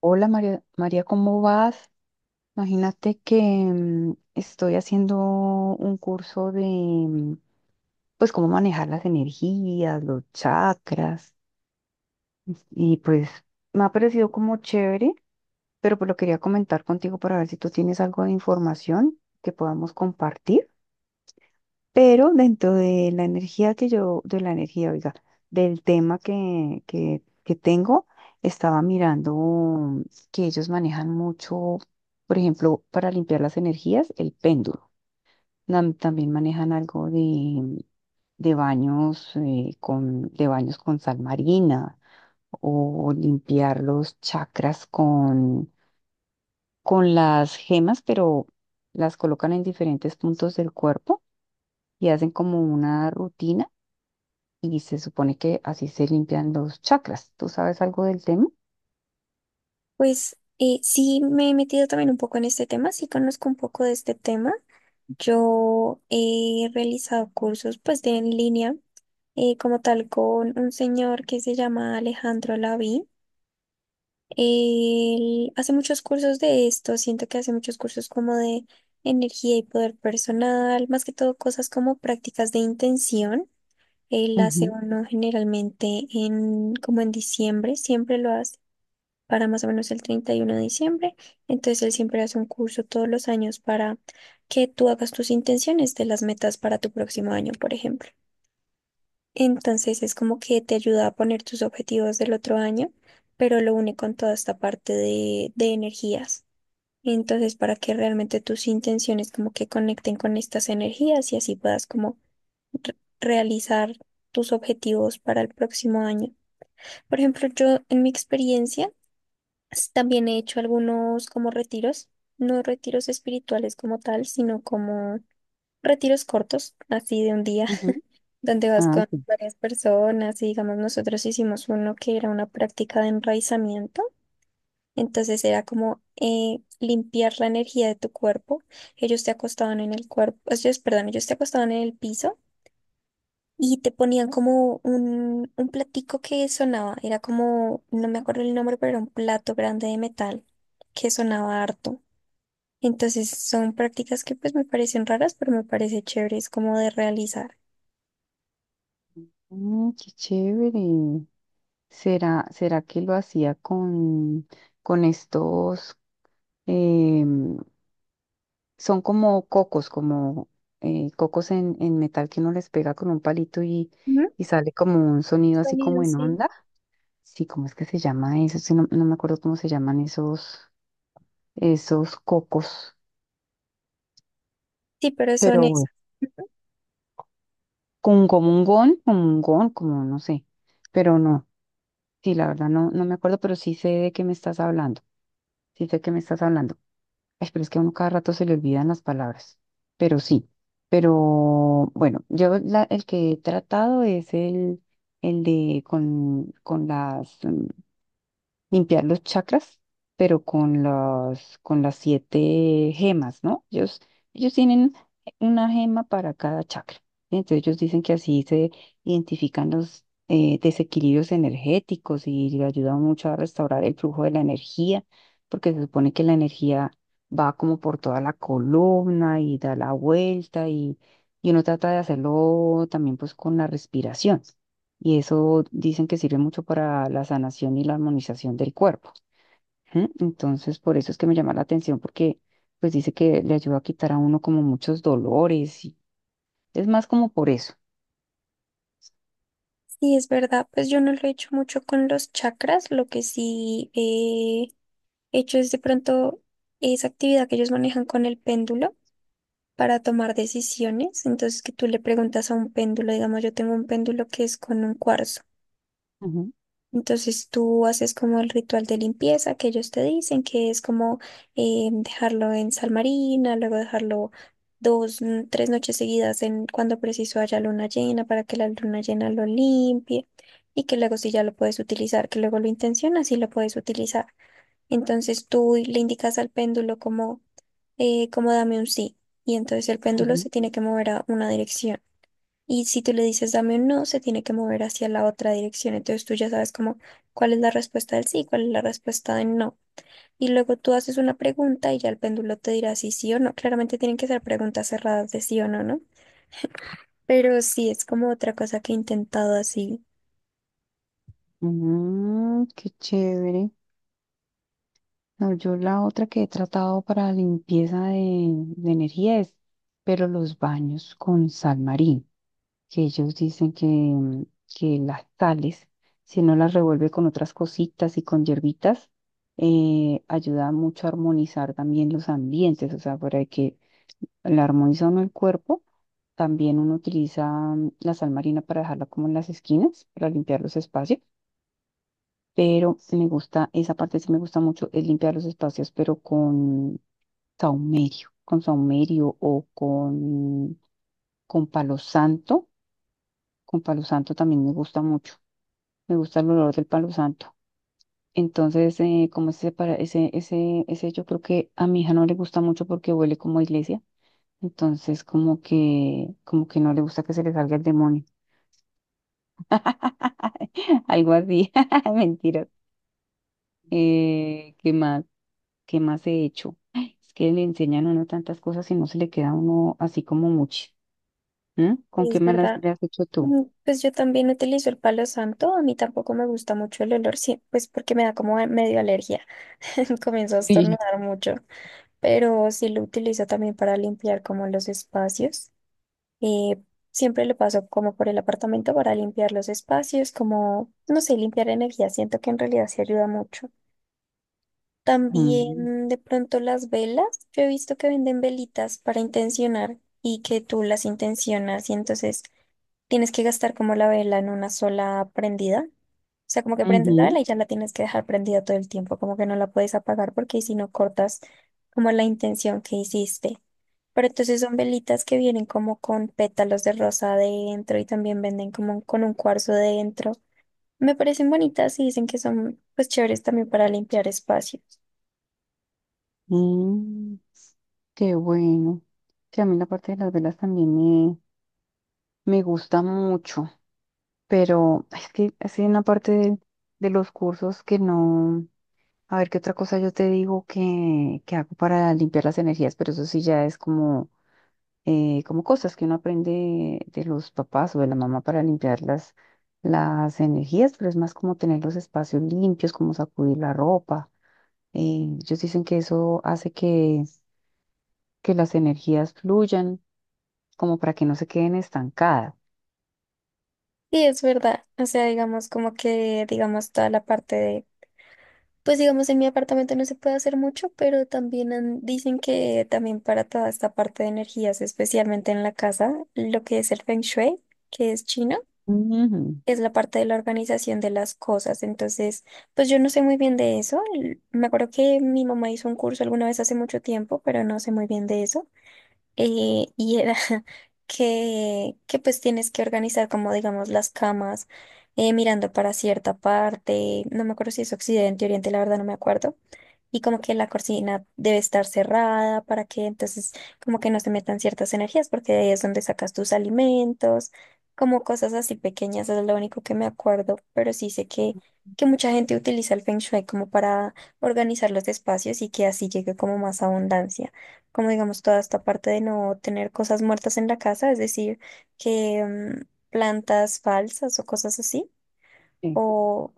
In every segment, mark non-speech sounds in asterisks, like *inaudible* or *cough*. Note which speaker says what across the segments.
Speaker 1: Hola María, ¿cómo vas? Imagínate que estoy haciendo un curso de, pues, cómo manejar las energías, los chakras, y pues me ha parecido como chévere, pero pues lo quería comentar contigo para ver si tú tienes algo de información que podamos compartir. Pero dentro de la energía que yo, de la energía, oiga, del tema que tengo, estaba mirando que ellos manejan mucho, por ejemplo, para limpiar las energías, el péndulo. También manejan algo de baños, con, de baños con sal marina o limpiar los chakras con las gemas, pero las colocan en diferentes puntos del cuerpo y hacen como una rutina y se supone que así se limpian los chakras. ¿Tú sabes algo del tema?
Speaker 2: Sí, me he metido también un poco en este tema, sí conozco un poco de este tema. Yo he realizado cursos pues de en línea como tal con un señor que se llama Alejandro Laví. Él hace muchos cursos de esto, siento que hace muchos cursos como de energía y poder personal, más que todo cosas como prácticas de intención. Él hace
Speaker 1: Ujú,
Speaker 2: uno generalmente en como en diciembre, siempre lo hace para más o menos el 31 de diciembre. Entonces él siempre hace un curso todos los años para que tú hagas tus intenciones de las metas para tu próximo año, por ejemplo. Entonces es como que te ayuda a poner tus objetivos del otro año, pero lo une con toda esta parte de energías. Entonces, para que realmente tus intenciones como que conecten con estas energías y así puedas como re- realizar tus objetivos para el próximo año. Por ejemplo, yo en mi experiencia también he hecho algunos como retiros, no retiros espirituales como tal, sino como retiros cortos, así de un día,
Speaker 1: ujú.
Speaker 2: *laughs* donde vas
Speaker 1: Ah,
Speaker 2: con
Speaker 1: sí.
Speaker 2: varias personas y digamos nosotros hicimos uno que era una práctica de enraizamiento. Entonces era como limpiar la energía de tu cuerpo. Ellos te acostaban en el cuerpo, ellos, perdón, ellos te acostaban en el piso y te ponían como un platico que sonaba, era como, no me acuerdo el nombre, pero era un plato grande de metal que sonaba harto. Entonces son prácticas que pues me parecen raras, pero me parece chéveres como de realizar.
Speaker 1: Mm, qué chévere. ¿Será que lo hacía con estos, em, son como cocos en metal que uno les pega con un palito y,
Speaker 2: Ujú.
Speaker 1: y sale como un sonido así como
Speaker 2: Sonido,
Speaker 1: en
Speaker 2: sí.
Speaker 1: onda? Sí, ¿cómo es que se llama eso? Sí, no me acuerdo cómo se llaman esos cocos,
Speaker 2: Sí, pero son
Speaker 1: pero bueno.
Speaker 2: esas. Ujú.
Speaker 1: Como un gon, como no sé, pero no, sí, la verdad no me acuerdo, pero sí sé de qué me estás hablando, sí sé de qué me estás hablando. Ay, pero es que a uno cada rato se le olvidan las palabras, pero sí, pero bueno, yo el que he tratado es el de con las, limpiar los chakras, pero con las siete gemas, ¿no? Ellos tienen una gema para cada chakra. ¿Sí? Entonces ellos dicen que así se identifican los desequilibrios energéticos y le ayuda mucho a restaurar el flujo de la energía, porque se supone que la energía va como por toda la columna y da la vuelta y uno trata de hacerlo también pues con la respiración y eso dicen que sirve mucho para la sanación y la armonización del cuerpo. ¿M? Entonces, por eso es que me llama la atención, porque pues dice que le ayuda a quitar a uno como muchos dolores y es más como por eso.
Speaker 2: Sí, es verdad, pues yo no lo he hecho mucho con los chakras, lo que sí he hecho es de pronto esa actividad que ellos manejan con el péndulo, para tomar decisiones. Entonces, que tú le preguntas a un péndulo, digamos, yo tengo un péndulo que es con un cuarzo.
Speaker 1: Ujú,
Speaker 2: Entonces, tú haces como el ritual de limpieza que ellos te dicen, que es como dejarlo en sal marina, luego dejarlo dos, tres noches seguidas en cuando preciso haya luna llena para que la luna llena lo limpie. Y que luego si ya lo puedes utilizar, que luego lo intencionas y lo puedes utilizar. Entonces tú le indicas al péndulo como como dame un sí. Y entonces el péndulo
Speaker 1: ujú.
Speaker 2: se tiene que mover a una dirección. Y si tú le dices dame un no, se tiene que mover hacia la otra dirección. Entonces tú ya sabes como cuál es la respuesta del sí y cuál es la respuesta del no. Y luego tú haces una pregunta y ya el péndulo te dirá si sí o no. Claramente tienen que ser preguntas cerradas de sí o no, ¿no? Pero sí, es como otra cosa que he intentado así.
Speaker 1: Mm, qué chévere. No, yo la otra que he tratado para limpieza de energía es, pero los baños con sal marina. Que ellos dicen que las sales, si no las revuelve con otras cositas y con hierbitas, ayuda mucho a armonizar también los ambientes, o sea, para que la armoniza uno el cuerpo, también uno utiliza la sal marina para dejarla como en las esquinas, para limpiar los espacios, pero me gusta, esa parte sí me gusta mucho, es limpiar los espacios, pero con saumerio o con palo santo, también me gusta mucho. Me gusta el olor del palo santo. Entonces, como ese, para, yo creo que a mi hija no le gusta mucho porque huele como a iglesia. Entonces, como que no le gusta que se le salga el demonio. *laughs* Algo así. *laughs* Mentiras. ¿Qué más? ¿Qué más he hecho? Ay, es que le enseñan a uno tantas cosas y no se le queda a uno así como mucho. ¿Mm? ¿Con
Speaker 2: Y
Speaker 1: qué
Speaker 2: es
Speaker 1: malas
Speaker 2: verdad.
Speaker 1: le has hecho tú?
Speaker 2: Mm, pues yo también utilizo el palo santo. A mí tampoco me gusta mucho el olor, sí, pues porque me da como medio alergia. *laughs* Comienzo a
Speaker 1: Sí. *laughs*
Speaker 2: estornudar mucho, pero sí lo utilizo también para limpiar como los espacios. Eh, siempre lo paso como por el apartamento para limpiar los espacios, como, no sé, limpiar energía. Siento que en realidad sí ayuda mucho.
Speaker 1: Mm,
Speaker 2: También de pronto las velas. Yo he visto que venden velitas para intencionar y que tú las intencionas y entonces tienes que gastar como la vela en una sola prendida. O sea, como que prendes la
Speaker 1: ujú.
Speaker 2: vela y ya la tienes que dejar prendida todo el tiempo, como que no la puedes apagar porque si no cortas como la intención que hiciste. Pero entonces son velitas que vienen como con pétalos de rosa adentro y también venden como con un cuarzo dentro. Me parecen bonitas y dicen que son pues chéveres también para limpiar espacios.
Speaker 1: Mm, qué bueno. Sí, a mí la parte de las velas también me gusta mucho, pero es que es una parte de los cursos que no. A ver, qué otra cosa yo te digo que hago para limpiar las energías, pero eso sí ya es como, como cosas que uno aprende de los papás o de la mamá para limpiar las energías, pero es más como tener los espacios limpios, como sacudir la ropa. Ellos dicen que eso hace que las energías fluyan, como para que no se queden estancadas.
Speaker 2: Sí es verdad, o sea, digamos como que digamos toda la parte de pues digamos, en mi apartamento no se puede hacer mucho, pero también dicen que también para toda esta parte de energías, especialmente en la casa, lo que es el Feng Shui, que es chino,
Speaker 1: Ujú,
Speaker 2: es la parte de la organización de las cosas. Entonces, pues yo no sé muy bien de eso. Me acuerdo que mi mamá hizo un curso alguna vez hace mucho tiempo, pero no sé muy bien de eso. Y era *laughs* que pues tienes que organizar como digamos las camas, mirando para cierta parte. No me acuerdo si es occidente, oriente, la verdad no me acuerdo y como que la cortina debe estar cerrada para que entonces como que no se metan ciertas energías porque de ahí es donde sacas tus alimentos, como cosas así pequeñas, eso es lo único que me acuerdo, pero sí sé que mucha gente utiliza el Feng Shui como para organizar los espacios y que así llegue como más abundancia, como digamos toda esta parte de no tener cosas muertas en la casa, es decir, que mm, plantas falsas o cosas así.
Speaker 1: sí.
Speaker 2: O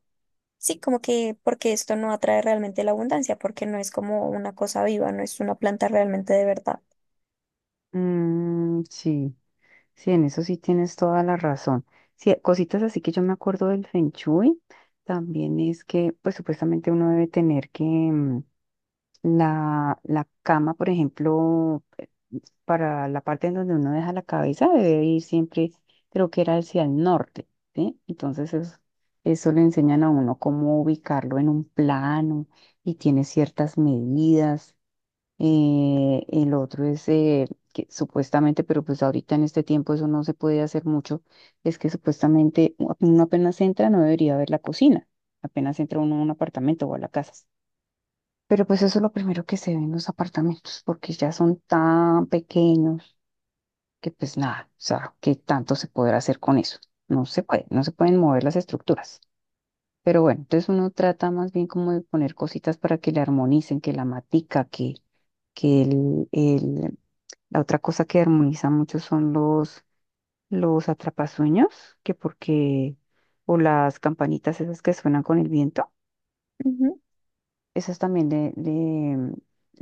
Speaker 2: sí, como que porque esto no atrae realmente la abundancia, porque no es como una cosa viva, no es una planta realmente de verdad.
Speaker 1: Mm, sí, sí, en eso sí tienes toda la razón. Sí, cositas así que yo me acuerdo del Feng Shui, también es que, pues supuestamente uno debe tener que la cama, por ejemplo, para la parte en donde uno deja la cabeza, debe ir siempre, creo que era hacia el norte, ¿sí? Entonces eso le enseñan a uno cómo ubicarlo en un plano y tiene ciertas medidas el otro es que supuestamente, pero pues ahorita en este tiempo eso no se puede hacer mucho, es que supuestamente uno apenas entra no debería ver la cocina, apenas entra uno a un apartamento o a la casa. Pero pues eso es lo primero que se ve en los apartamentos, porque ya son tan pequeños que pues nada, o sea, ¿qué tanto se podrá hacer con eso? No se puede, no se pueden mover las estructuras. Pero bueno, entonces uno trata más bien como de poner cositas para que le armonicen, que la matica, que que el, el, la otra cosa que armoniza mucho son los atrapasueños, que porque, o las campanitas esas que suenan con el viento,
Speaker 2: Ujú.
Speaker 1: esas también le, le,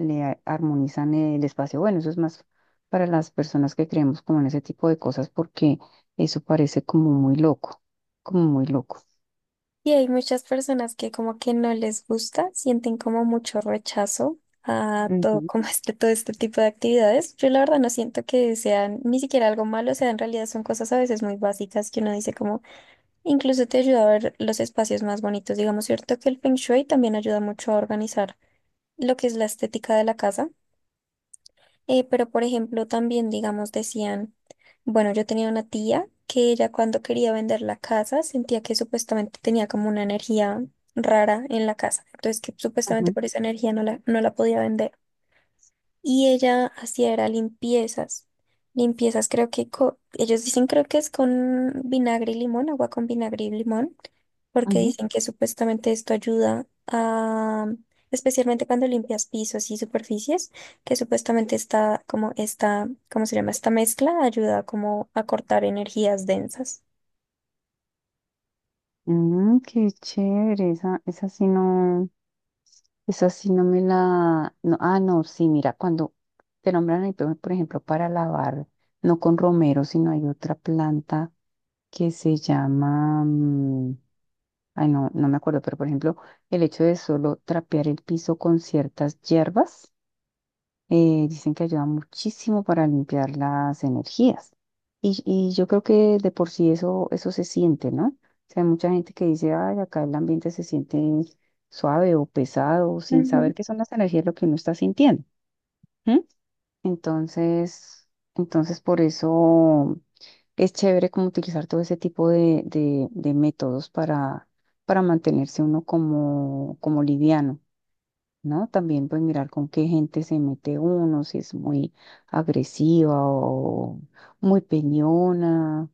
Speaker 1: le a- armonizan el espacio. Bueno, eso es más para las personas que creemos como en ese tipo de cosas, porque eso parece como muy loco, como muy loco.
Speaker 2: Y hay muchas personas que como que no les gusta, sienten como mucho rechazo a todo,
Speaker 1: Ujú,
Speaker 2: como este, todo este tipo de actividades. Yo la verdad no siento que sean ni siquiera algo malo, o sea, en realidad son cosas a veces muy básicas que uno dice como, incluso te ayuda a ver los espacios más bonitos. Digamos, cierto que el Feng Shui también ayuda mucho a organizar lo que es la estética de la casa. Pero, por ejemplo, también, digamos, decían, bueno, yo tenía una tía que ella cuando quería vender la casa sentía que supuestamente tenía como una energía rara en la casa, entonces que supuestamente
Speaker 1: ujú,
Speaker 2: por esa energía no la podía vender y ella hacía era limpiezas. Limpiezas creo que ellos dicen creo que es con vinagre y limón, agua con vinagre y limón, porque
Speaker 1: ujú.
Speaker 2: dicen que supuestamente esto ayuda a, especialmente cuando limpias pisos y superficies, que supuestamente está como esta, ¿cómo se llama? Esta mezcla ayuda como a cortar energías densas.
Speaker 1: Mm, qué chévere, esa sí no, esa sí no me la, no, ah, no, sí, mira, cuando te nombran ahí, por ejemplo, para lavar, no con romero, sino hay otra planta que se llama, ay, no, no me acuerdo, pero por ejemplo, el hecho de solo trapear el piso con ciertas hierbas dicen que ayuda muchísimo para limpiar las energías. Y yo creo que de por sí eso se siente, ¿no? O sea, hay mucha gente que dice, ay, acá el ambiente se siente suave o pesado, sin saber qué son las energías lo que uno está sintiendo. ¿M? Entonces, entonces por eso es chévere como utilizar todo ese tipo de métodos para mantenerse uno como liviano. ¿No? También pues mirar con qué gente se mete uno, si es muy agresiva o muy peñona.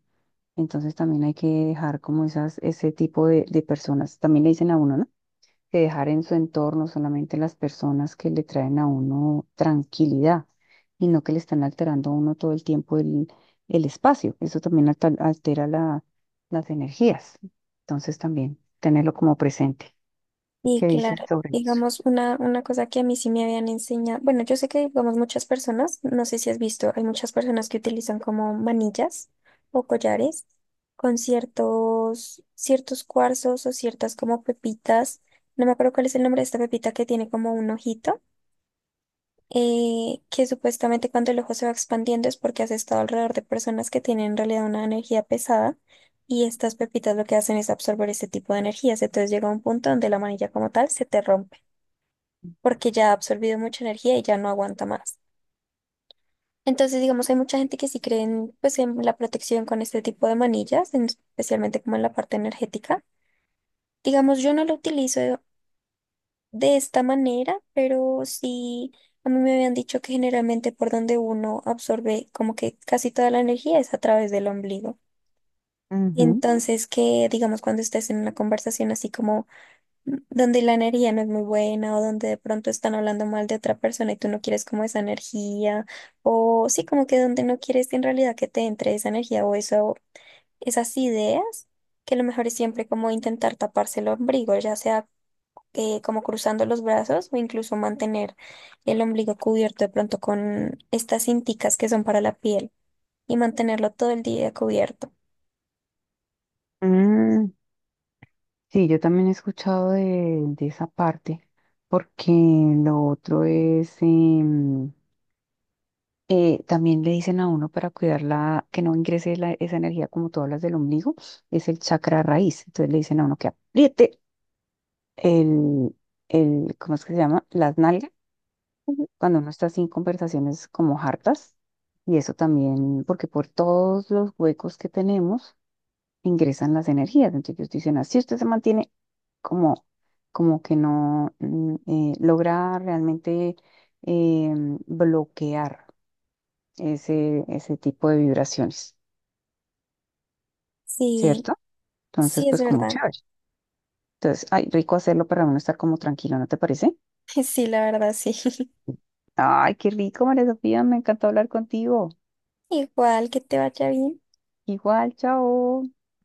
Speaker 1: Entonces también hay que dejar como esas, ese tipo de personas, también le dicen a uno, ¿no? Que dejar en su entorno solamente las personas que le traen a uno tranquilidad y no que le están alterando a uno todo el tiempo el espacio. Eso también altera las energías. Entonces también tenerlo como presente.
Speaker 2: Y
Speaker 1: ¿Qué dices
Speaker 2: claro,
Speaker 1: sobre eso?
Speaker 2: digamos, una cosa que a mí sí me habían enseñado, bueno, yo sé que, digamos, muchas personas, no sé si has visto, hay muchas personas que utilizan como manillas o collares con ciertos cuarzos o ciertas como pepitas, no me acuerdo cuál es el nombre de esta pepita que tiene como un ojito, que supuestamente cuando el ojo se va expandiendo es porque has estado alrededor de personas que tienen en realidad una energía pesada. Y estas pepitas lo que hacen es absorber ese tipo de energías. Entonces llega un punto donde la manilla como tal se te rompe porque ya ha absorbido mucha energía y ya no aguanta más. Entonces, digamos, hay mucha gente que sí cree en, pues, en la protección con este tipo de manillas, especialmente como en la parte energética. Digamos, yo no lo utilizo de esta manera, pero sí, a mí me habían dicho que generalmente por donde uno absorbe como que casi toda la energía es a través del ombligo.
Speaker 1: Ujú.
Speaker 2: Entonces, que digamos, cuando estés en una conversación así como donde la energía no es muy buena o donde de pronto están hablando mal de otra persona y tú no quieres como esa energía o sí, como que donde no quieres en realidad que te entre esa energía o eso, esas ideas, que lo mejor es siempre como intentar taparse el ombligo, ya sea como cruzando los brazos o incluso mantener el ombligo cubierto de pronto con estas cinticas que son para la piel y mantenerlo todo el día cubierto.
Speaker 1: Mm, sí, yo también he escuchado de esa parte, porque lo otro es, también le dicen a uno para cuidarla, que no ingrese esa energía como tú hablas del ombligo, es el chakra raíz. Entonces le dicen a uno que apriete el, el, ¿cómo es que se llama? Las nalgas,
Speaker 2: Ujú.
Speaker 1: cuando uno está así en conversaciones como hartas. Y eso también, porque por todos los huecos que tenemos, ingresan las energías. Entonces ellos dicen, así usted se mantiene como, como que no logra realmente eh, bloquear ese tipo de vibraciones,
Speaker 2: Sí,
Speaker 1: ¿cierto? Entonces,
Speaker 2: sí es
Speaker 1: pues como
Speaker 2: verdad.
Speaker 1: chévere. Entonces, ay, rico hacerlo para uno estar como tranquilo, ¿no te parece?
Speaker 2: *laughs* Sí, la verdad, sí. *laughs*
Speaker 1: Ay, qué rico, María Sofía, me encantó hablar contigo.
Speaker 2: Igual que te vaya bien.
Speaker 1: Igual, chao.